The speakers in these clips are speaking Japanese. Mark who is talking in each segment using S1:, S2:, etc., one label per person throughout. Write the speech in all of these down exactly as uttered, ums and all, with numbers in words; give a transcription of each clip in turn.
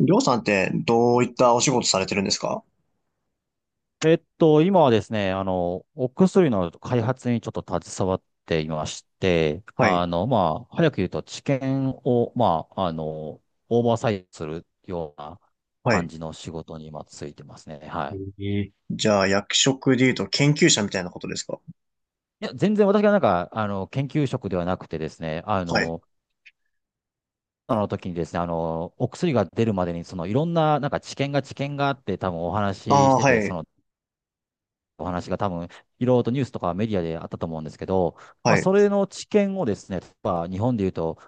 S1: りょうさんってどういったお仕事されてるんですか？
S2: えっと、今はですね、あの、お薬の開発にちょっと携わっていまして、
S1: はい。
S2: あの、まあ、早く言うと治験を、まあ、あの、オーバーサイトするような
S1: は
S2: 感
S1: い。
S2: じの仕事に今ついてますね。はい。
S1: ええ。じゃあ、役職で言うと研究者みたいなことですか？
S2: いや、全然私がなんか、あの、研究職ではなくてですね、あ
S1: はい。
S2: の、あの時にですね、あの、お薬が出るまでに、その、いろんな、なんか治験が治験があって、多分お
S1: あ
S2: 話しし
S1: あ、
S2: て
S1: は
S2: て、そ
S1: い。
S2: の、お話が多分、いろいろとニュースとかメディアであったと思うんですけど、ま
S1: は
S2: あ、
S1: い。
S2: それの知見をですね、例えば日本でいうと、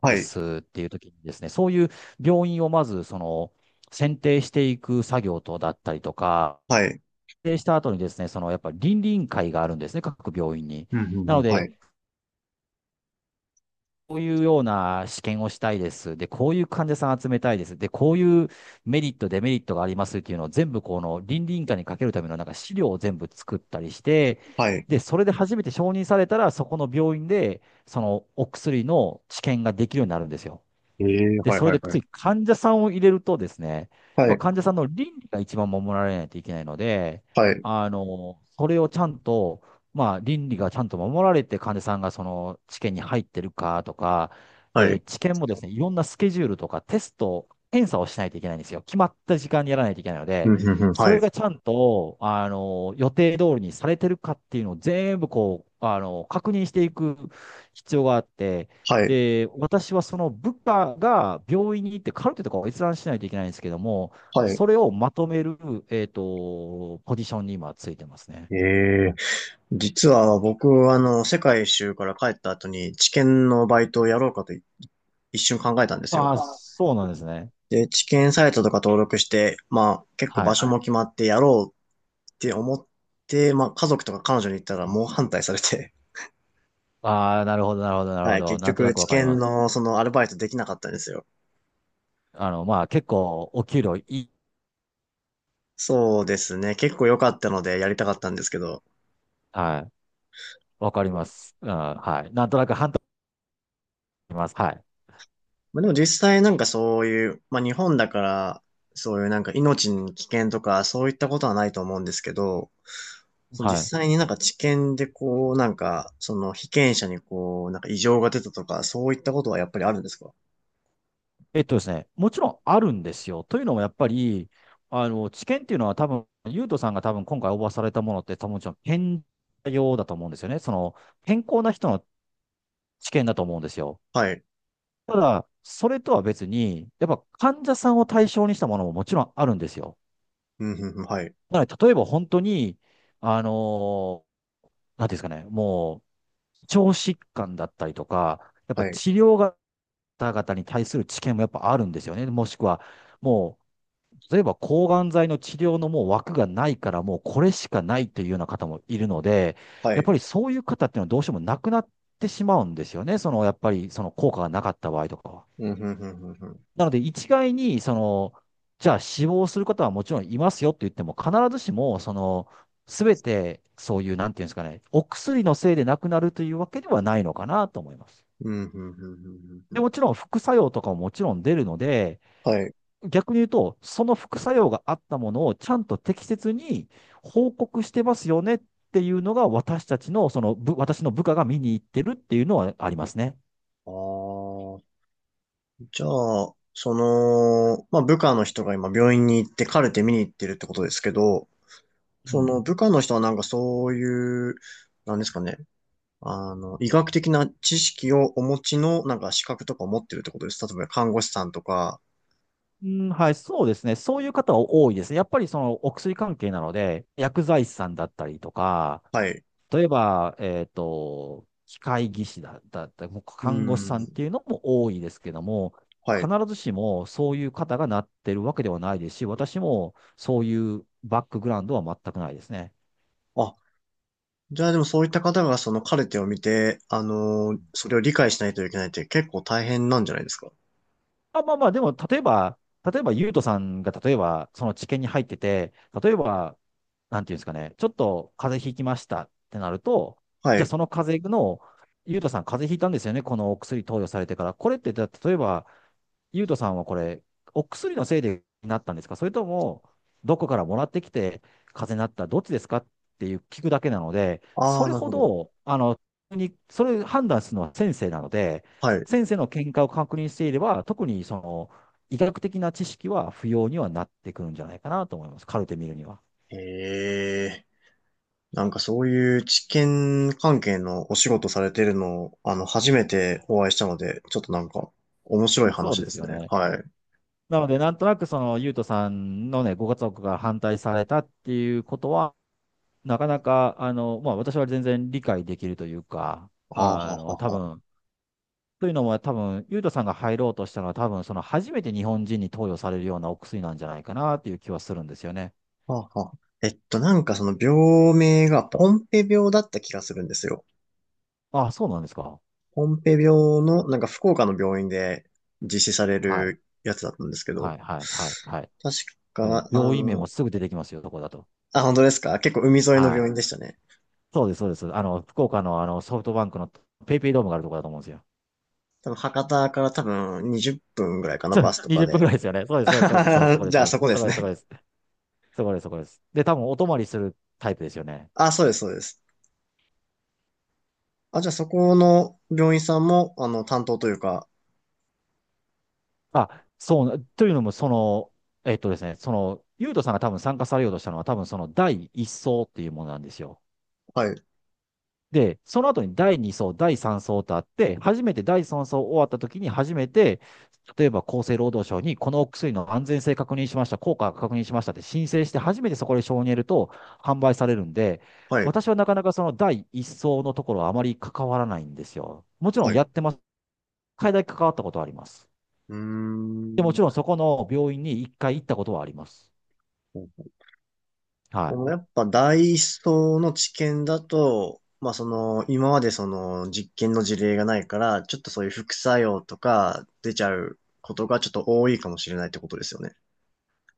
S1: は
S2: で
S1: い。
S2: すっていう時にですね、そういう病院をまず、その、選定していく作業とだったりとか、
S1: はい。
S2: 選定した後にですね、そのやっぱり倫理委員会があるんですね、各病院に。
S1: うん、う
S2: な
S1: ん、
S2: の
S1: うん。は
S2: で、
S1: い。
S2: こういうような試験をしたいです。で、こういう患者さん集めたいです。で、こういうメリット、デメリットがありますっていうのを全部この倫理委員会にかけるためのなんか資料を全部作ったりして、
S1: はい。
S2: で、それで初めて承認されたら、そこの病院で、そのお薬の治験ができるようになるんですよ。
S1: ええ
S2: で、
S1: はい
S2: それ
S1: はい
S2: で
S1: はい。
S2: 次、患者さんを入れるとですね、や
S1: は
S2: っぱ
S1: い。
S2: 患者さんの倫理が一番守られないといけないので、
S1: はい。
S2: あの、それをちゃんと、まあ、倫理がちゃんと守られて、患者さんがその治験に入ってるかとか、
S1: は
S2: で、
S1: い。
S2: 治験もですね、いろんなスケジュールとかテスト、検査をしないといけないんですよ。決まった時間にやらないといけないの
S1: うん、
S2: で、
S1: うん、うん。
S2: そ
S1: はい。
S2: れがちゃんと、あの、予定通りにされてるかっていうのを全部こう、あの、確認していく必要があって、
S1: はい。
S2: で、私はその部下が病院に行ってカルテとかを閲覧しないといけないんですけども、
S1: はい。
S2: それをまとめる、えっと、ポジションに今ついてますね。
S1: ええ。実は僕、あの、世界一周から帰った後に、知見のバイトをやろうかと一瞬考えたんですよ。
S2: ああ、そうなんですね。
S1: で、知見サイトとか登録して、まあ、結構
S2: は
S1: 場
S2: い。
S1: 所も決まってやろうって思って、まあ、家族とか彼女に言ったら猛反対されて、
S2: ああ、なるほど、なるほど、なる
S1: は
S2: ほ
S1: い、
S2: ど。
S1: 結
S2: なんとな
S1: 局、
S2: く
S1: 知
S2: わかりま
S1: 見
S2: す。
S1: のそのアルバイトできなかったんですよ。
S2: あの、まあ、結構、お給料いい。
S1: そうですね。結構良かったのでやりたかったんですけど。
S2: はい。わかります。うん、はい。なんとなく半端あります。はい。
S1: まあ、でも実際なんかそういう、まあ日本だから、そういうなんか命に危険とかそういったことはないと思うんですけど、その
S2: はい。
S1: 実際になんか治験でこう、なんか、その被験者にこう、なんか異常が出たとか、そういったことはやっぱりあるんですか？
S2: えっとですね、もちろんあるんですよ。というのもやっぱり、あの、知見っていうのは多分、ゆうとさんが多分今回応募されたものって多分もちろん健康用だと思うんですよね。その、健康な人の知見だと思うんですよ。
S1: はい。
S2: ただ、それとは別に、やっぱ患者さんを対象にしたものももちろんあるんですよ。
S1: うん、うん、うんはい。
S2: だから例えば本当に、あの、なんていうんですかね、もう、腸疾患だったりとか、やっぱ
S1: はい。
S2: 治療が方々に対する知見もやっぱあるんですよね。もしくは、もう、例えば抗がん剤の治療のもう枠がないから、もうこれしかないというような方もいるので、
S1: は
S2: やっ
S1: い。
S2: ぱりそういう方っていうのはどうしてもなくなってしまうんですよね。その、やっぱりその効果がなかった場合とかは。
S1: うん、うん、うん、うんうん。
S2: なので一概に、その、じゃあ死亡する方はもちろんいますよって言っても、必ずしも、その、すべてそういう、なんていうんですかね、お薬のせいで亡くなるというわけではないのかなと思います。
S1: うん、うん、うん、うんう
S2: で、
S1: ん。
S2: もちろん副作用とかももちろん出るので、
S1: はい。
S2: 逆に言うと、その副作用があったものをちゃんと適切に報告してますよねっていうのが、私たちの、その部、私の部下が見に行ってるっていうのはありますね。
S1: ああ、じゃあ、その、まあ、部下の人が今病院に行ってカルテ見に行ってるってことですけど、
S2: う
S1: そ
S2: ん。
S1: の部下の人はなんかそういう、なんですかね、あの、医学的な知識をお持ちのなんか資格とかを持ってるってことです。例えば看護師さんとか、
S2: うん、はい、そうですね。そういう方は多いですね。やっぱりそのお薬関係なので、薬剤師さんだったりとか、
S1: はい。
S2: 例えば、えっと、機械技師だ、だったり、もう
S1: う
S2: 看護師さんっ
S1: ん、
S2: ていうのも多いですけども、
S1: は
S2: 必
S1: い。
S2: ずしもそういう方がなってるわけではないですし、私もそういうバックグラウンドは全くないですね。
S1: あ、じゃあでもそういった方がそのカルテを見て、あの、それを理解しないといけないって結構大変なんじゃないですか？
S2: あ、まあまあ、でも、例えば、例えば、ゆうとさんが、例えば、その治験に入ってて、例えば、なんていうんですかね、ちょっと風邪ひきましたってなると、
S1: は
S2: じゃあ、
S1: い。
S2: その風邪の、ゆうとさん、風邪ひいたんですよね、このお薬投与されてから。これって、だ例えば、ゆうとさんはこれ、お薬のせいでなったんですかそれとも、どこからもらってきて、風邪になった、どっちですかっていう聞くだけなので、
S1: あ
S2: そ
S1: あ、
S2: れ
S1: なる
S2: ほ
S1: ほど。
S2: ど、あの、にそれ判断するのは先生なので、
S1: はい。
S2: 先生の見解を確認していれば、特にその医学的な知識は不要にはなってくるんじゃないかなと思います。カルテ見るには。
S1: ええ、なんかそういう知見関係のお仕事されてるのを、あの、初めてお会いしたので、ちょっとなんか、面白い
S2: そう
S1: 話
S2: で
S1: で
S2: す
S1: す
S2: よ
S1: ね。
S2: ね。
S1: はい。
S2: なので、なんとなくその、ゆうとさんのね、ご家族が反対されたっていうことは、なかなか、あの、まあ、私は全然理解できるというか、
S1: ああ、
S2: あ
S1: は
S2: の、
S1: は
S2: 多
S1: は。
S2: 分、というのも多分、ゆうとさんが入ろうとしたのは多分、その初めて日本人に投与されるようなお薬なんじゃないかなっていう気はするんですよね。
S1: はあはあ。えっと、なんかその病名がポンペ病だった気がするんですよ。
S2: ああ、そうなんですか。
S1: ポンペ病の、なんか福岡の病院で実施され
S2: はい。
S1: るやつだったんですけど、
S2: はい、はい、はい、はい。
S1: 確
S2: の
S1: か、あ
S2: 病院名も
S1: の、
S2: すぐ出てきますよ、そこだと。
S1: あ、本当ですか？結構海沿いの
S2: は
S1: 病
S2: い。
S1: 院でしたね。
S2: そうです、そうです。あの、福岡のあのソフトバンクのペイペイドームがあるところだと思うんですよ。
S1: 多分博多から多分にじゅっぷんぐらいか な、
S2: そ
S1: バ
S2: う
S1: スとか
S2: にじゅっぷん
S1: で。
S2: ぐらいですよね。そう です、
S1: あ
S2: そうです、
S1: は
S2: そうで
S1: は
S2: す、そうですそ
S1: は
S2: こです、
S1: じ
S2: そ
S1: ゃあ
S2: こです、
S1: そこで
S2: そ
S1: す
S2: こです、そこ
S1: ね。
S2: です、そこです、そこです。で、多分お泊まりするタイプですよね。
S1: あ、そうです、そうです。あ、じゃあそこの病院さんも、あの、担当というか、
S2: あ、そう、というのも、その、えっとですね、その、ゆうとさんが多分参加されようとしたのは、多分その第一層っそうっていうものなんですよ。
S1: はい、
S2: で、その後にだいに層、だいさん層とあって、初めてだいさん層終わった時に初めて、例えば厚生労働省にこのお薬の安全性確認しました、効果確認しましたって申請して初めてそこで承認得ると販売されるんで、
S1: はい、
S2: 私はなかなかそのだいいち層のところはあまり関わらないんですよ。もちろ
S1: は
S2: ん
S1: い。
S2: や
S1: う
S2: ってます。海外だけ関わったことはあります。
S1: ー
S2: で、も
S1: ん。
S2: ちろんそこの病院に一回行ったことはあります。は
S1: こ
S2: い。
S1: のやっぱダイソーの知見だと、まあその、今までその実験の事例がないから、ちょっとそういう副作用とか出ちゃうことがちょっと多いかもしれないってことですよね。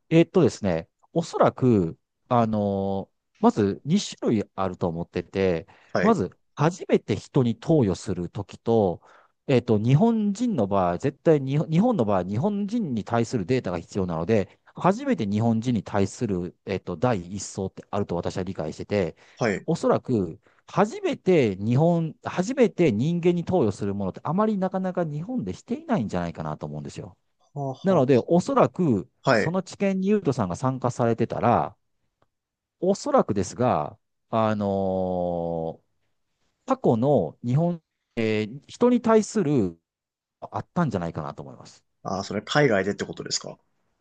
S2: えーっとですね、おそらく、あのーまずに種類あると思ってて、
S1: は
S2: ま
S1: い。
S2: ず、初めて人に投与するときと、えーっと、日本人の場合、絶対に、日本の場合、日本人に対するデータが必要なので、初めて日本人に対する、えーっと、第一層ってあると私は理解してて、
S1: はい。
S2: おそらく、初めて日本、初めて人間に投与するものってあまりなかなか日本でしていないんじゃないかなと思うんですよ。
S1: はあ
S2: なの
S1: は
S2: で、おそらく、
S1: あは
S2: そ
S1: い。
S2: の治験にユウトさんが参加されてたら、おそらくですが、あのー過去の日本、人に対するあったんじゃないかなと思います。
S1: あー、それ海外でってことですか？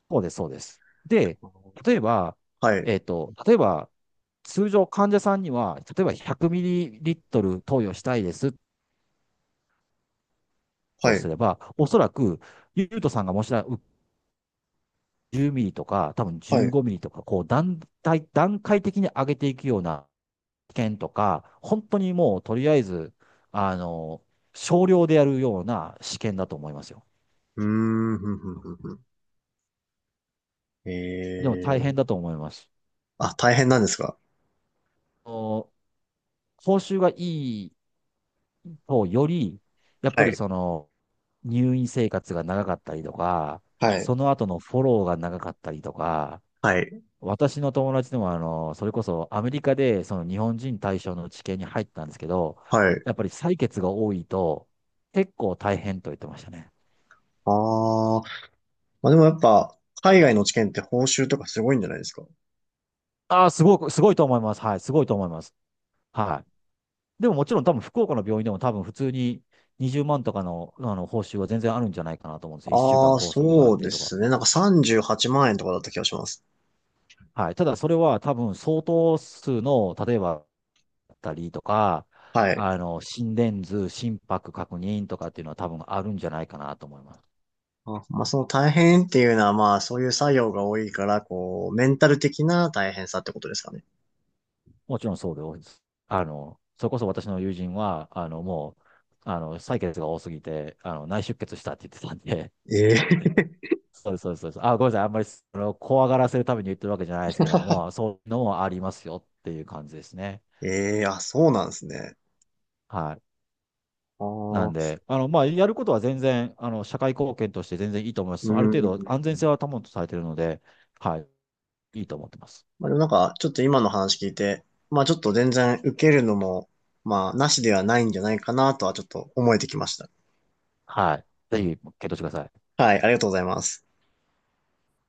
S2: そうです、そうです。で、例えば、
S1: はい。
S2: えっと、例えば、通常患者さんには、例えばひゃくミリリットル投与したいですと
S1: はい。
S2: すれば、おそらく、ユウトさんがもしなじゅうミリとか、多分
S1: はい。う
S2: じゅうごミリとか、こう段階、段階的に上げていくような券とか、本当にもうとりあえず、あの、少量でやるような試験だと思いますよ。
S1: ーん。ふんふんふんふん
S2: でも大変
S1: ええ
S2: だと思います。
S1: あ、大変なんですか？
S2: お報酬がいいとより、やっぱ
S1: は
S2: り
S1: い。
S2: その、入院生活が長かったりとか、
S1: はい。
S2: その後のフォローが長かったりとか、
S1: はい。
S2: 私の友達でもあの、それこそアメリカでその日本人対象の治験に入ったんですけど、
S1: はい。
S2: やっぱり採血が多いと結構大変と言ってましたね。
S1: ああ、まあでもやっぱ、海外の知見って報酬とかすごいんじゃないですか？
S2: ああ、すごく、すごいと思います。はい、すごいと思います。はい。でももちろん多分福岡の病院でも多分普通ににじゅうまんとかの、あの報酬は全然あるんじゃないかなと思うんですよ。いっしゅうかん
S1: ああ
S2: 拘束があっ
S1: そう
S2: て
S1: で
S2: とか。
S1: すね。なんかさんじゅうはちまん円とかだった気がします。
S2: はい。ただそれは多分相当数の、例えば、だったりとか、
S1: はい。
S2: あの、心電図、心拍確認とかっていうのは多分あるんじゃないかなと思います。
S1: あ、まあその大変っていうのはまあそういう作業が多いから、こう、メンタル的な大変さってことですかね。
S2: もちろんそうで多いです。あの、それこそ私の友人は、あの、もう、あの、採血が多すぎて、あの、内出血したって言ってたんで、
S1: ええ
S2: そうですそうですそうですあ、ごめんなさい。あんまりその怖がらせるために言ってるわけじゃないですけども、そういうのもありますよっていう感じですね。
S1: ええあ、そうなんですね。
S2: はい。
S1: あ
S2: なん
S1: あ、
S2: で、あの、まあ、やることは全然、あの、社会貢献として全然いいと思いま
S1: う
S2: す。ある程度安全性は
S1: ん。
S2: 担保とされているので、はい。いいと思ってます。
S1: まあ、でもなんか、ちょっと今の話聞いて、まあちょっと全然受けるのも、まあなしではないんじゃないかなとはちょっと思えてきました。
S2: はい。ぜひ、検討してください。
S1: はい、ありがとうございます。